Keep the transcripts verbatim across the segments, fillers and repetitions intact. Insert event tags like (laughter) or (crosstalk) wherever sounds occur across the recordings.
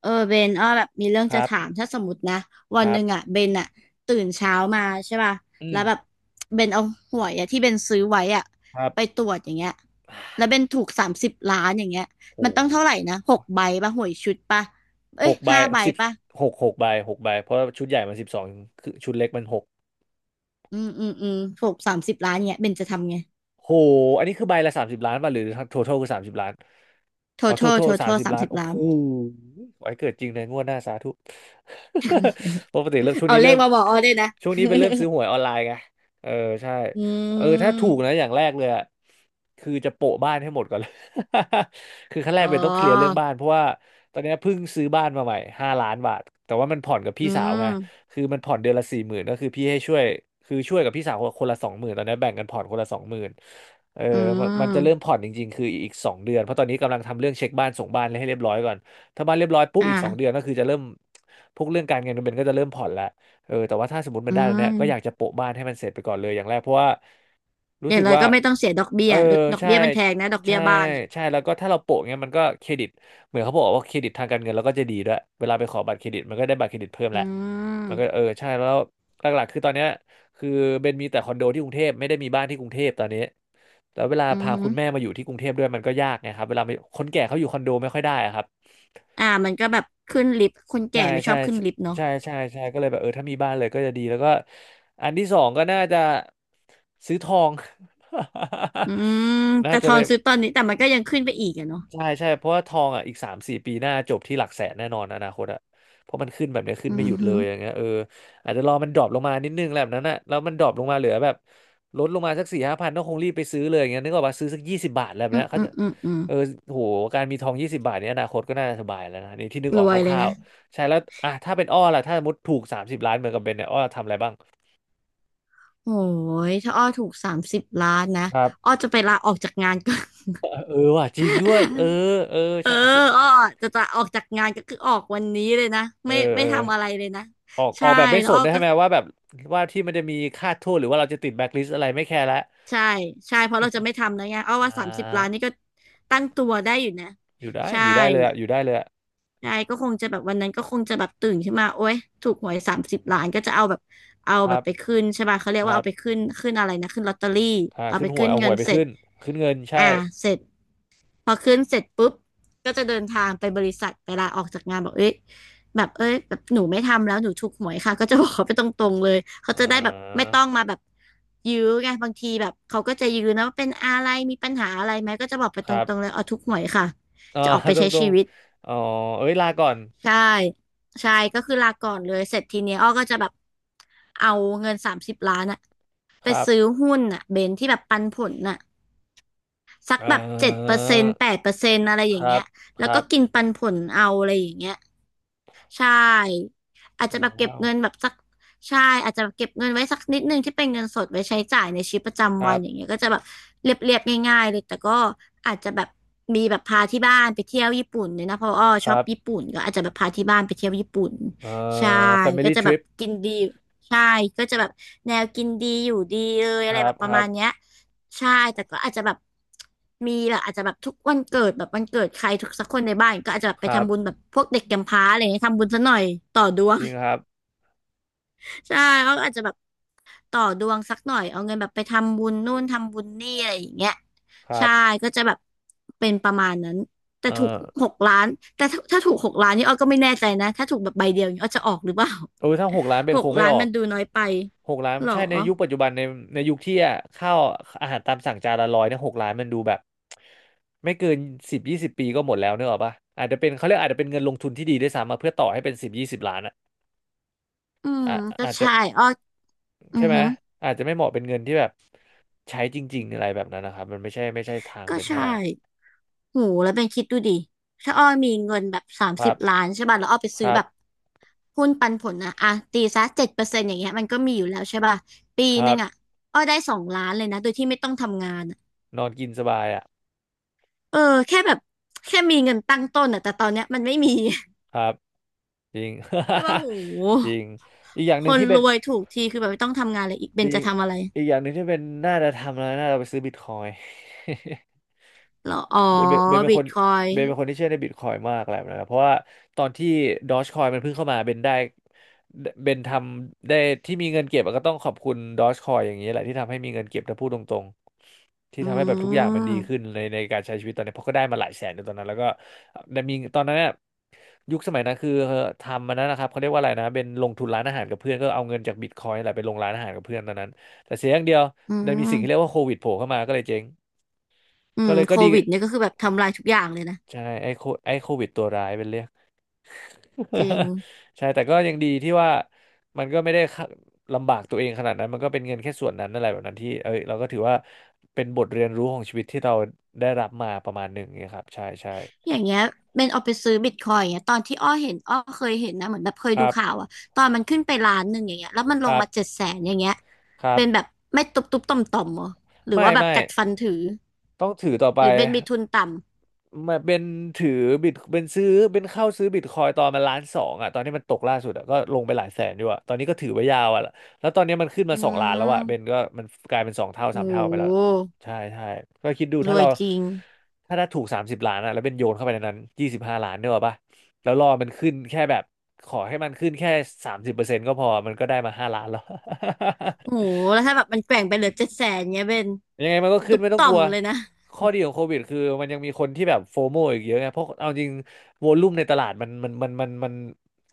เออเบนอ้อแบบมีเรื่องคจะรับ ถามถ้าสมมตินะวัคนหรับนึ่งอ่ะเบนอ่ะตื่นเช้ามาใช่ป่ะอืแล้มวแบบเบนเอาหวยอ่ะที่เบนซื้อไว้อ่ะครัไปตบรวจอย่างเงี้ยแล้วเบนถูกสามสิบล้านอย่างเงี้ยโอ้มันต้หองเท่าไหร่นะหกใบป่ะหวยชุดป่ะเอ้หยกใบห้าใบสิบป่ะหกหกใบหกใบเพราะว่าชุดใหญ่มันสิบสองคือชุดเล็กมันหก อืมอืมอืมถูกสามสิบล้านเงี้ยเบนจะทำไง โหอันนี้คือใบละสามสิบล้านป่ะหรือทั้ง total คือสามสิบล้าน อ๋อ total total สาม total สิบสามล้าน สิบโอ้ล้าโหนไว้เกิดจริงในงวดหน้าสาธุ (laughs) ปกติเริ่มช่วงเอานี้เลเริ่ขมมาบอกอ้อด้วยนะ ช่วงนี้เป็นเริ่มซื้อหวยออนไลน์ไง เออใช่ (laughs) อืเออถ้าถูกมนะอย่างแรกเลยอะคือจะโปะบ้านให้หมดก่อนเลย (laughs) คือขั้นแรอ๋กอเป็นต้องเคลียร์เรื่องบ้านเพราะว่าตอนนี้เพิ่งซื้อบ้านมาใหม่ห้าล้านบาทแต่ว่ามันผ่อนกับอืพี่สาวไง มคือมันผ่อนเดือนละสี่หมื่นก็คือพี่ให้ช่วยคือช่วยกับพี่สาวคนละสองหมื่นตอนนี้แบ่งกันผ่อนคนละสองหมื่นเอออืมันมันจะเริ่มมผ่อนจริงๆคืออีกสองเดือนเพราะตอนนี้กำลังทำเรื่องเช็คบ้านส่งบ้านให้เรียบร้อยก่อนถ้าบ้านเรียบร้อยปุ๊บอีกสองเดืออ่านก็คือจะเริ่มพวกเรื่องการเงินมันก็จะเริ่มผ่อนแล้วเออแต่ว่าถ้าสมมติมัอืนได้แล้วเนี่ยก็อยากม จะโปะบ้านให้มันเสร็จไปก่อนเลยอย่างแรกเพราะว่ารู้อย่าสึงกไรว่าก็ไม่ต้องเสียดอกเบี้เอยอหรือดอกใช่เบี้ยมันแพงนะดอกเบี้ใช่ยบ้านอ่ะใช่แล้วก็ถ้าเราโปะเงี้ยมันก็เครดิตเหมือนเขาบอกว่าเครดิตทางการเงินเราก็จะดีด้วยเวลาไปขอบัตรเครดิตมันก็ได้บัตรเครดิตเพิ่มอืแหละ มันก็มเออใช่แล้วหลักๆคือตอนเนี้ยคือเบนมีแต่คอนโดที่กรุงเทพไม่ได้มีบ้านที่กรุงเทพตอนนี้แล้วเวลาอือพาฮึคุณแม่มาอยู่ที่กรุงเทพด้วยมันก็ยากไงครับเวลาไปคนแก่เขาอยู่คอนโดไม่ค่อยได้อะครับอ่ามันก็แบบขึ้นลิฟต์คนแก่ใช่ไม่ชใช่อบขึ้นลิฟต์เนาะใช่ใช่ใช่ก็เลยแบบเออถ้ามีบ้านเลยก็จะดีแล้วก็อันที่สองก็น่าจะซื้อทอง อืม (laughs) น่าแต่ทจะอไป นซื้อตอนนี้แต่มันก็ยังขึ้นไปอีกอะเนาะใช่ใช่เพราะว่าทองอ่ะอีกสามสี่ปีหน้าจบที่หลักแสนแน่นอนอนาคตอ่ะเพราะมันขึ้นแบบเนี้ยขึ้อืนไม่หยุอดฮึเลยอย่างเงี้ยเอออาจจะรอมันดรอปลงมานิดนึงแหละแบบนั้นอ่ะแล้วมันดรอปลงมาเหลือแบบลดลงมาสักสี่ห้าพันก็คงรีบไปซื้อเลยอย่างเงี้ยนึกออกป่ะซื้อสักยี่สิบบาทอะไรแบบอืมเนี้ยเขาอืมจะอืมอืมเออโหการมีทองยี่สิบบาทเนี้ยอนาคตก็น่าสบายแล้วนะนี่ที่นึกอรอกวคยเลยร่านะวๆใช่แล้วอ่ะถ้าเป็นอ้อล่ะถ้าสมมติถูกสามสิบล้านเหมือนกับเบนเนี่ยอ้อทำอะไรบ้างโอ้ยถ้าอ้อถูกสามสิบล้านนะครัอ้บอจะไปลาออกจากงานก่อน เออว่ะจริงด้วยเออเออ (laughs) เออใช่คืออ้อจะจะออกจากงานก็คือออกวันนี้เลยนะเออไม่ไม่เออ ทำอะไรเลยนะออกอใช่อกแบบไม่แล้สวอ้นอด้วยก็ ใช่ไหมว่าแบบว่าที่มันจะมีค่าโทษหรือว่าเราจะติดแบ็คลิสต์อะไรไม่แคร์ละใช่ใช่เพราะเราจะไม่ทำแล้วไงเอาอ่ว่าสามสิบล้านานี่ก็ตั้งตัวได้อยู่นะอยู่ได้ใช่อยู่ได้เลยอะอยู่ได้เลยอะใช่ก็คงจะแบบวันนั้นก็คงจะแบบตื่นขึ้นมาโอ๊ยถูกหวยสามสิบล้านก็จะเอาแบบเอาคแบรับไปบขึ้นใช่ป่ะเขาเรียกคว่ารัเอาไปบขึ้นขึ้นอะไรนะขึ้นลอตเตอรี่อ่าเอาขึ้ไปนหวขึ้ยนเอาหเงิวนยไปเสร็จขึ้นขึ้นเงินใช่อ่าเสร็จ พอขึ้นเสร็จปุ๊บก็จะเดินทางไปบริษัทเวลาออกจากงานบอกเอ้ยแบบเอ้ยแบบหนูไม่ทำแล้วหนูถูกหวยค่ะก็จะบอกเขาไปตรงๆเลยเขาอ่จะได้แบบไม่าต้องมาแบบยื้อไงบางทีแบบเขาก็จะยื้อนะว่าเป็นอะไรมีปัญหาอะไรไหมก็จะบอกไปคตรับรงๆเลยเอาถูกหวยค่ะอ่า จะออกไป (laughs) ตรใช้งตรชีงวิตอ๋อเอ้ยลาก่อนใช่ใช่ก็คือลาก่อนเลยเสร็จทีเนี้ยอ้อก็จะแบบเอาเงินสามสิบล้านอะไปครับซื้อหุ้นอะเบนที่แบบปันผลน่ะ สักอ่แบบเจ็ดเปาอร์เซ็นต์แปดเปอร์เซ็นต์อะไรอคย่างรัเงี้บยคแล้วรัก็บกินปันผลเอาอะไรอย่างเงี้ยใช่อาจจะแบบเก็บว้าวเงินแบบสักใช่อาจจะแบบเก็บเงินไว้สักนิดนึงที่เป็นเงินสดไว้ใช้จ่ายในชีวิตประคจำรัวันอย่างบเงี้ยก็จะแบบเรียบๆง่ายๆเลยแต่ก็อาจจะแบบมีแบบพาที่บ้านไปเที่ยวญี่ปุ่นเนี่ยนะเพราะอ้อคชอบรับญี่ปุ่นก็อาจจะแบบพาที่บ้านไปเที่ยวญี่ปุ่นเอ่ใช่อ ก็ family จะแบบ trip กินดีใช่ก็จะแบบแนวกินดีอยู่ดีเลยคอะไรรัแบบบปคระรัมาบณเนี้ย ใช่แต่ก็อาจจะแบบมีแบบอาจจะแบบทุกวันเกิดแบบวันเกิดใครทุกสักคนในบ้านก็อาจจะแบบคไปรับทำบุญแบบพวกเด็กกำพร้าอะไรเงี้ยทำบุญซะหน่อยต่อดวจง ริงครับ (laughs) ใช่เขาอาจจะแบบต่อดวงสักหน่อยเอาเงินแบบไปทำบุญนู่นทำบุญนี่อะไรอย่างเงี้ยครัใช่บก็จะแบบเป็นประมาณนั้นแต่เอ่อถูกหกล้านแต่ถ้าถ้าถูกหกล้านนี่อ้อก็ไม่แน่ใจนะถ้าถูกแบบใบเดียวนี่อ้อจะออกหรือเปล่า โอ้ยถ้าหกล้านเป็ (laughs) หนคกงไม่ล้านออมัก นดูน้อยไปหกล้านหรอใช่ในยุคปัจจุบันในในยุคที่อะข้าวอาหารตามสั่งจานละร้อยเนี่ยหกล้านมันดูแบบไม่เกินสิบยี่สิบปีก็หมดแล้วเนกอะป่ะอาจจะเป็นเขาเรียกอาจจะเป็นเงินลงทุนที่ดีด้วยซ้ำมาเพื่อต่อให้เป็นสิบยี่สิบล้านอะอืมอ่ะก็อาจจะใช่อ้ออือใช่ไหมฮึอาจจะไม่เหมาะเป็นเงินที่แบบใช้จริงๆอะไรแบบนั้นนะครับมันไม่ใช่ไม่ใช่ทางก็เป็นเท่าใช่ ไหร่โหแล้วเป็นคิดดูดิถ้าอ้อมีเงินแบบสามคสิรับบล้านใช่ป่ะแล้วอ้อไปคซื้อรัแบบบหุ้นปันผลนะอ่ะ ตีซะเจ็ดเปอร์เซ็นต์อย่างเงี้ยมันก็มีอยู่แล้วใช่ป่ะปีคหรันึ่บงอ่ะอ้อได้สองล้านเลยนะ โดยที่ไม่ต้องทำงานอะนอนกินสบายอ่ะเออ แค่แบบแค่มีเงินตั้งต้นอ่ะ แต่ตอนเนี้ยมันไม่มี ครับจริง (laughs) แต่ว่ะโห (laughs) จริงอีกอย่างคหนึ่งนที่รเป็น วยถูกทีคือแบบไม่ต้องทำงานเลยอีกเบจนริง จะทำอะไรอีกอย่างหนึ่งที่เป็นน่าจะทำแล้วน่าจะไปซื้อบิตคอยน์ (laughs) เหรออ๋อเบนเบนเบนเป็นบิคตนคอยเบนเป็นคนที่เชื่อในบิตคอยมากอะไรแบบนั้นนะเพราะว่าตอนที่ดอ g จคอยมันเพิ่งเข้ามาเบนได้เบนทำได้ที่มีเงินเก็บอะก็ต้องขอบคุณดอ g จคอยอย่างนี้แหละที่ทำให้มีเงินเก็บถ้าพูดตรงๆที่อืทำให้แบบทุกอย่างมันดีขึ้มนในในการใช้ชีวิตตอนนี้เพราะก็ได้มาหลายแสนในตอนนั้นแล้วก็ได้มีตอนนั้นน่ะยุคสมัยนั้นคือทำมันนั้นนะครับเขาเรียกว่าอะไรนะเป็นลงทุนร้านอาหารกับเพื่อนก็เอาเงินจากบิตคอยนแหละไปลงร้านอาหารกับเพื่อนตอนนั้นแต่เสียอย่างเดียวอืมันมีสิ่งที่เรียกมว่าโควิดโผล่เข้ามาก็เลยเจ๊งอืก็มเลยโคก็ดี วิดเนี่ยก็คือแบบทำลายทุกอย่างเลยนะใช่ไอ้โคไอ้โควิดตัวร้ายเป็นเรียก จริง (laughs) ใช่แต่ก็ยังดีที่ว่ามันก็ไม่ได้ขะลำบากตัวเองขนาดนั้นมันก็เป็นเงินแค่ส่วนนั้นอะไรแบบนั้นที่เอ้ยเราก็ถือว่าเป็นบทเรียนรู้ของชีวิตที่เราได้รับมาประมาณหนึ่งเนยครับใช่ใช่อย่างเงี้ยเป็นเอาไปซื้อบิตคอยน์อย่างเงี้ยตอนที่อ้อเห็นอ้อเคยเห็นนะเหมือนแบบเคยคดูรัข่าวบอะตอนมันขึ้นไปล้านหนึ่งอย่างเงี้ยแล้วมันลคงรัมาเจ็ดบแสนอย่างเงี้ยครัเป็นแบบบ ไม่ตุบตุบต่อมต่อมๆเหรอหรือไม่ว่าแบบไม่กัดฟันถือต้องถือต่อไปหรือเป็นมีทุนต่มาเป็นถือบิตเป็นซื้อเป็นเข้าซื้อบิตคอยตอนมันล้านสองอ่ะตอนนี้มันตกล่าสุดอ่ะก็ลงไปหลายแสนอยู่อ่ะตอนนี้ก็ถือไว้ยาวอ่ะแล้วตอนนี้มันขึ้นำอืมาสองล้านแล้วอ่ะเบนมก็มันกลายเป็นสองเท่าโสามเท่าไปแล้วหใช่ใช่ก็คิดดูรถ้าวยเราจริงถ้าได้ถูกสามสิบล้านอ่ะแล้วเป็นโยนเข้าไปในนั้นยี่สิบห้าล้านเนี่ยหรอปะแล้วรอมันขึ้นแค่แบบขอให้มันขึ้นแค่สามสิบเปอร์เซ็นต์ก็พอมันก็ได้มาห้าล้านแล้ว โหแล้วถ้าแบบมันแกว่งไปเหลือเจ็ดแสนเงี้ยเป็นยังไงมันก็ขึ้ตุนบไม่ต้องต่อกลัมวเลยนะข้อดีของโควิดคือมันยังมีคนที่แบบโฟโมอีกเยอะไง เพราะเอาจริงวอลลุ่มในตลาดมันมันมันมันมัน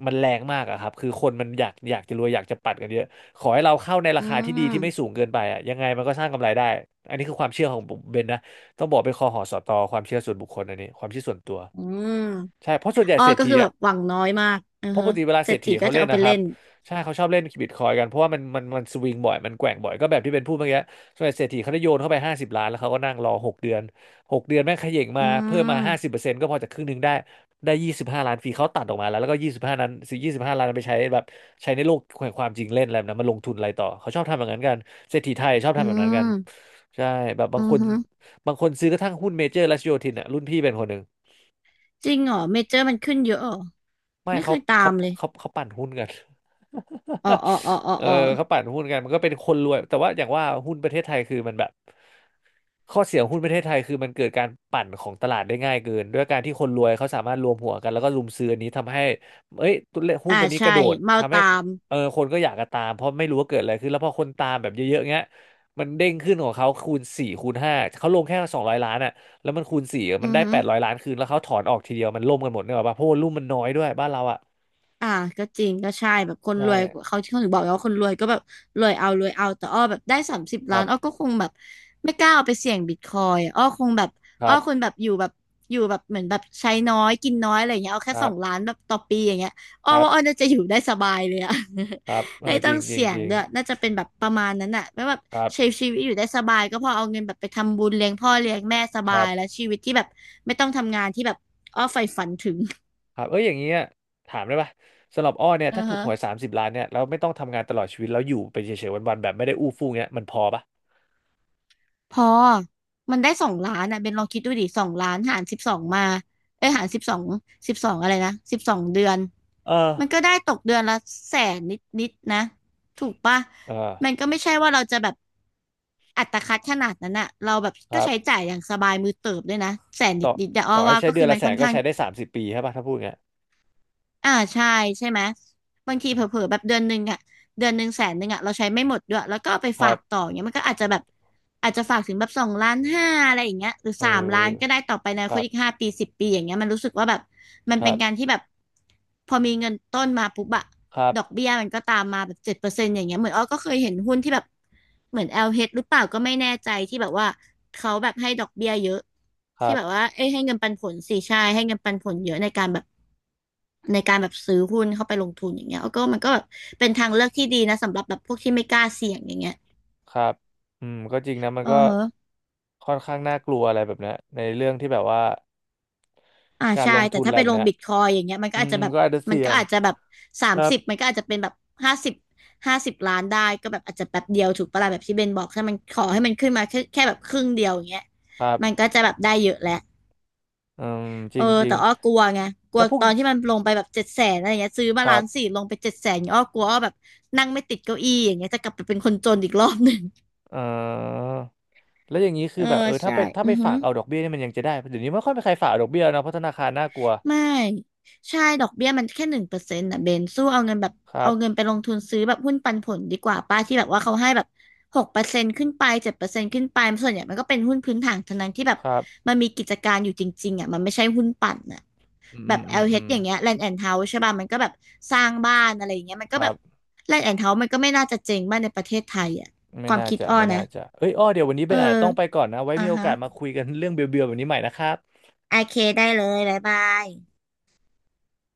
มันแรงมากอะครับ คือคนมันอยากอยากจะรวยอยากจะปัดกันเยอะขอให้เราเข้าในอืราคาที่ดีที่ไม่สูมงเกินไปอะยังไงมันก็สร้างกำไรได้ อันนี้คือความเชื่อของผมเบนนะ ต้องบอกเป็นคอหอสอตอความเชื่อส่วนบุคคลอันนี้ความเชื่อส่วนตัวอืมใช่เพราะส่วนใหญ่อ้อเศรษก็ฐีคือแบอะ บหวังน้อยมากอือเพราะปฮะกติเวลาเศรเศรษษฐีฐีก็เขาจะเล่นเอาไปนะคเล่รับนใช่เขาชอบเล่นบิตคอยกันเพราะว่ามันมันมันสวิงบ่อยมันแกว่งบ่อยก็แบบที่เป็นพูดเมื่อกี้ส่วนใหญ่เศรษฐีเขาได้โยนเข้าไปห้าสิบล้านแล้วเขาก็นั่งรอหกเดือนหกเดือนแม่งเขย่งอืมาเพิ่มมาห้าสิบมเปอร์เซ็นต์ก็พอจากครึ่งหนึ่งได้ได้ยี่สิบห้าล้านฟรีเขาตัดออกมาแล้วแล้วก็ยี่สิบห้านั้นยี่สิบห้าล้านนั้นไปใช้แบบใช้ในโลกแห่งความจริงเล่นอะไรแบบนั้นมาลงทุนอะไรต่อเขาชอบทำแบบนั้นกันเศรษฐีไทยชอบอืทำแบบนั้นกันมใช่แบบบาอืงคอนฮึ บางคนซื้อกระทั่งหุ้นเมเจอร์และโยธินอ่ะรุ่นพี่เป็นคนหนึ่ง จริงเหรอเมเจอร์มันขึ้นเยอะเหรอไม่ไม่เคเขายตาเขามเลยเขาเขาปั่นหุ้นกัน (laughs) อ๋ออ๋ออ๋ออ๋อเอออ๋อเขาปั่นหุ้นกันมันก็เป็นคนรวยแต่ว่าอย่างว่าหุ้นประเทศไทยคือมันแบบข้อเสียของหุ้นประเทศไทยคือมันเกิดการปั่นของตลาดได้ง่ายเกินด้วยการที่คนรวยเขาสามารถรวมหัวกันแล้วก็รุมซื้ออันนี้ทำให้เอ้ยตัวเลขหุ้อ่านตัวนี้กใช่ระโดดเมาทำให้ตามเออคนก็อยากจะตามเพราะไม่รู้ว่าเกิดอะไรขึ้นแล้วพอคนตามแบบเยอะๆเงี้ยมันเด้งขึ้นของเขาคูณสี่คูณห้าเขาลงแค่สองร้อยล้านอ่ะ แล้วมันคูณสี่อืมันอได้ฮึ แปดร้อยล้านคืนแล้วเขาถอนออกทีเดียวมันล่มกันหมดเนกอะป่ะเพราะว่ารุ่มมันน้อยด้วยบ้านเราอ่ะอ่าก็จริงก็ใช่แบบคในรวยช่เขาที่เขาถึงบอกไงว่าคนรวยก็แบบรวยเอารวยเอาแต่อ้อแบบได้สามสิบคล้ารันอ้อบก็คงแบบไม่กล้าเอาไปเสี่ยงบิตคอยอ้อคงแบบคอ้อรัคงบแบบอยู่แบบอยู่แบบเหมือนแบบใช้น้อยกินน้อยอะไรอย่างเงี้ยเอาคแค่สรัอบงล้านแบบต่อปีอย่างเงี้ยอ้อครับว่าอ้อน่าจะอยู่ได้สบายเลยอะ ครับ (laughs) เอไม่อจต้อริงงจริงเสี่ยจงริงด้วยน่าจะเป็นแบบประมาณนั้นอะไม่แบบครัใช้บชีวิตอยู่ได้สบายก็พอเอาเงินแบบไปทำบุญเลี้ยงพ่อเลี้ยงแม่สคบารัยบแล้วชีวิตที่แบบไม่ต้องทำงานที่แบบอ้อใฝ่ฝันถึง (laughs) ครับเอ้ยอย่างเงี้ยถามได้ป่ะสำหรับอ้อเนี่ยอืถ้าอถูกฮะ หวยสามสิบล้านเนี่ยแล้วไม่ต้องทำงานตลอดชีวิตแล้วอยู่ไปเฉยๆวันๆแบบไม่ได้อู้ฟู่เงี้ยมันพอป่ะพอมันได้สองล้านอ่ะเบนลองคิดดูดิสองล้านหารสิบสองมาเอ้ยหารสิบสองสิบสองอะไรนะสิบสองเดือนเอมันอก็ได้ตกเดือนละแสนนิดนิดนะถูกปะเออมันก็ไม่ใช่ว่าเราจะแบบอัตคัดขนาดนั้นอะเราแบบคก็รัใช้บจ่ายอย่างสบายมือเติบด้วยนะแสนนิต่อดนิดแต่อ้อต่อให้ว่าใช้ก็เดืคือนอมัละนแสค่อนนก็ข้าง ใช้ได้สามสิบปีใช่ป่ะถ้าพูดเงี้ยอ่าใช่ใช่ไหมบางทีเผลอๆแบบเดือนหนึ่งอะเดือนหนึ่งแสนหนึ่งอะเราใช้ไม่หมดด้วยแล้วก็เอาไปคฝารับกต่ออย่างเงี้ยมันก็อาจจะแบบอาจจะฝากถึงแบบสองล้านห้าอะไรอย่างเงี้ยหรือเอสามล้านก็อได้ต่อไปในคครันบอีกห้าปีสิบปีอย่างเงี้ยมันรู้สึกว่าแบบมันคเป็รันบการที่แบบพอมีเงินต้นมาปุ๊บอะ ครับดอกเบี้ยมันก็ตามมาแบบเจ็ดเปอร์เซ็นต์อย่างเงี้ยเหมือนอ้อก็เคยเห็นหุ้นที่แบบเหมือน แอล เอช หรือเปล่าก็ไม่แน่ใจที่แบบว่าเขาแบบให้ดอกเบี้ยเยอะคที่รับ แบบว่าเอ้ยให้เงินปันผลสี่ใช่ให้เงินปันผลเยอะในการแบบในการแบบซื้อหุ้นเข้าไปลงทุนอย่างเงี้ยอ้อก็มันก็แบบเป็นทางเลือกที่ดีนะสำหรับแบบพวกที่ไม่กล้าเสี่ยงอย่างเงี้ยครับอืมก็จริงนะมันอือก็ฮะ ค่อนข้างน่ากลัวอะไรแบบเนี้ยในเรื่องที่แบบว่าอ่าการใช่ลงแต่ทุนถ้าอะไรไปแบลบงเนี้ยบิตคอยอย่างเงี้ยมันก็อือาจมจะแบบก็อาจจะมันเสี่ยก็ง อาจจะแบบสาคมรัสิบบมันก็อาจจะเป็นแบบห้าสิบห้าสิบล้านได้ก็แบบอาจจะแป๊บเดียวถูกปะล่ะแบบที่เบนบอกถ้ามันขอให้มันขึ้นมาแค่แค่แบบครึ่งเดียวอย่างเงี้ยครัมันบก็จะแบบได้เยอะแหละอืมจเออริงจริแต่งอ้อกลัวไงกลัวแล้วพวกตอนที่มันลงไปแบบเจ็ดแสนอะไรเงี้ยซื้อคมารัล้านสี่บลงไปเจ็ดแสนอ้อกลัวอ้อแบบนั่งไม่ติดเก้าอี้อย่างเงี้ยจะกลับไปเป็นคนจนอีกรอบหนึ่งเอ่อแล้วอย่างนี้คืเอออแบบเออถ้าใช่ไปถ้าอืไปอฮึ ฝากเอาดอกเบี้ยนี่มันยังจะได้เดี๋ยวนี้ไม่ค่อยมีใครฝากเอาดอกเบี้ยแล้วนะเพราะธนาคารน่ากลัวไม่ใช่ดอกเบี้ยมันแค่หนึ่งเปอร์เซ็นต์นะเบนสู้เอาเงินแบบครัเอาบเงินไปลงทุนซื้อแบบหุ้นปันผลดีกว่าป้าที่แบบว่าเขาให้แบบหกเปอร์เซ็นต์ขึ้นไปเจ็ดเปอร์เซ็นต์ขึ้นไปส่วนใหญ่มันก็เป็นหุ้นพื้นฐานทั้งนั้นที่แบบครับมันมีกิจการอยู่จริงๆอ่ะมันไม่ใช่หุ้นปั่นอ่ะอืมแบอืบ มอืม แอล เอช อือลมเอชอย่างเงี้ย Land and House ใช่ป่ะมันก็แบบสร้างบ้านอะไรอย่างเงี้ยมันคก็รัแบบ บ Land and House มันก็ไม่น่าจะเจ๊งบ้านในประเทศไทยอ่ะคไม่วามน่าคิดจะอ้อไม่น่านะจะเอ้ยอ้อเดี๋ยววันนี้เอเป็อนอาจจะต้องไปก่อนนะไว้อ่ามีโอฮะกาสมาคุยกันเรื่องเบียวๆแบบนี้ใหม่นะครับโอเคได้เลยบ๊ายบาย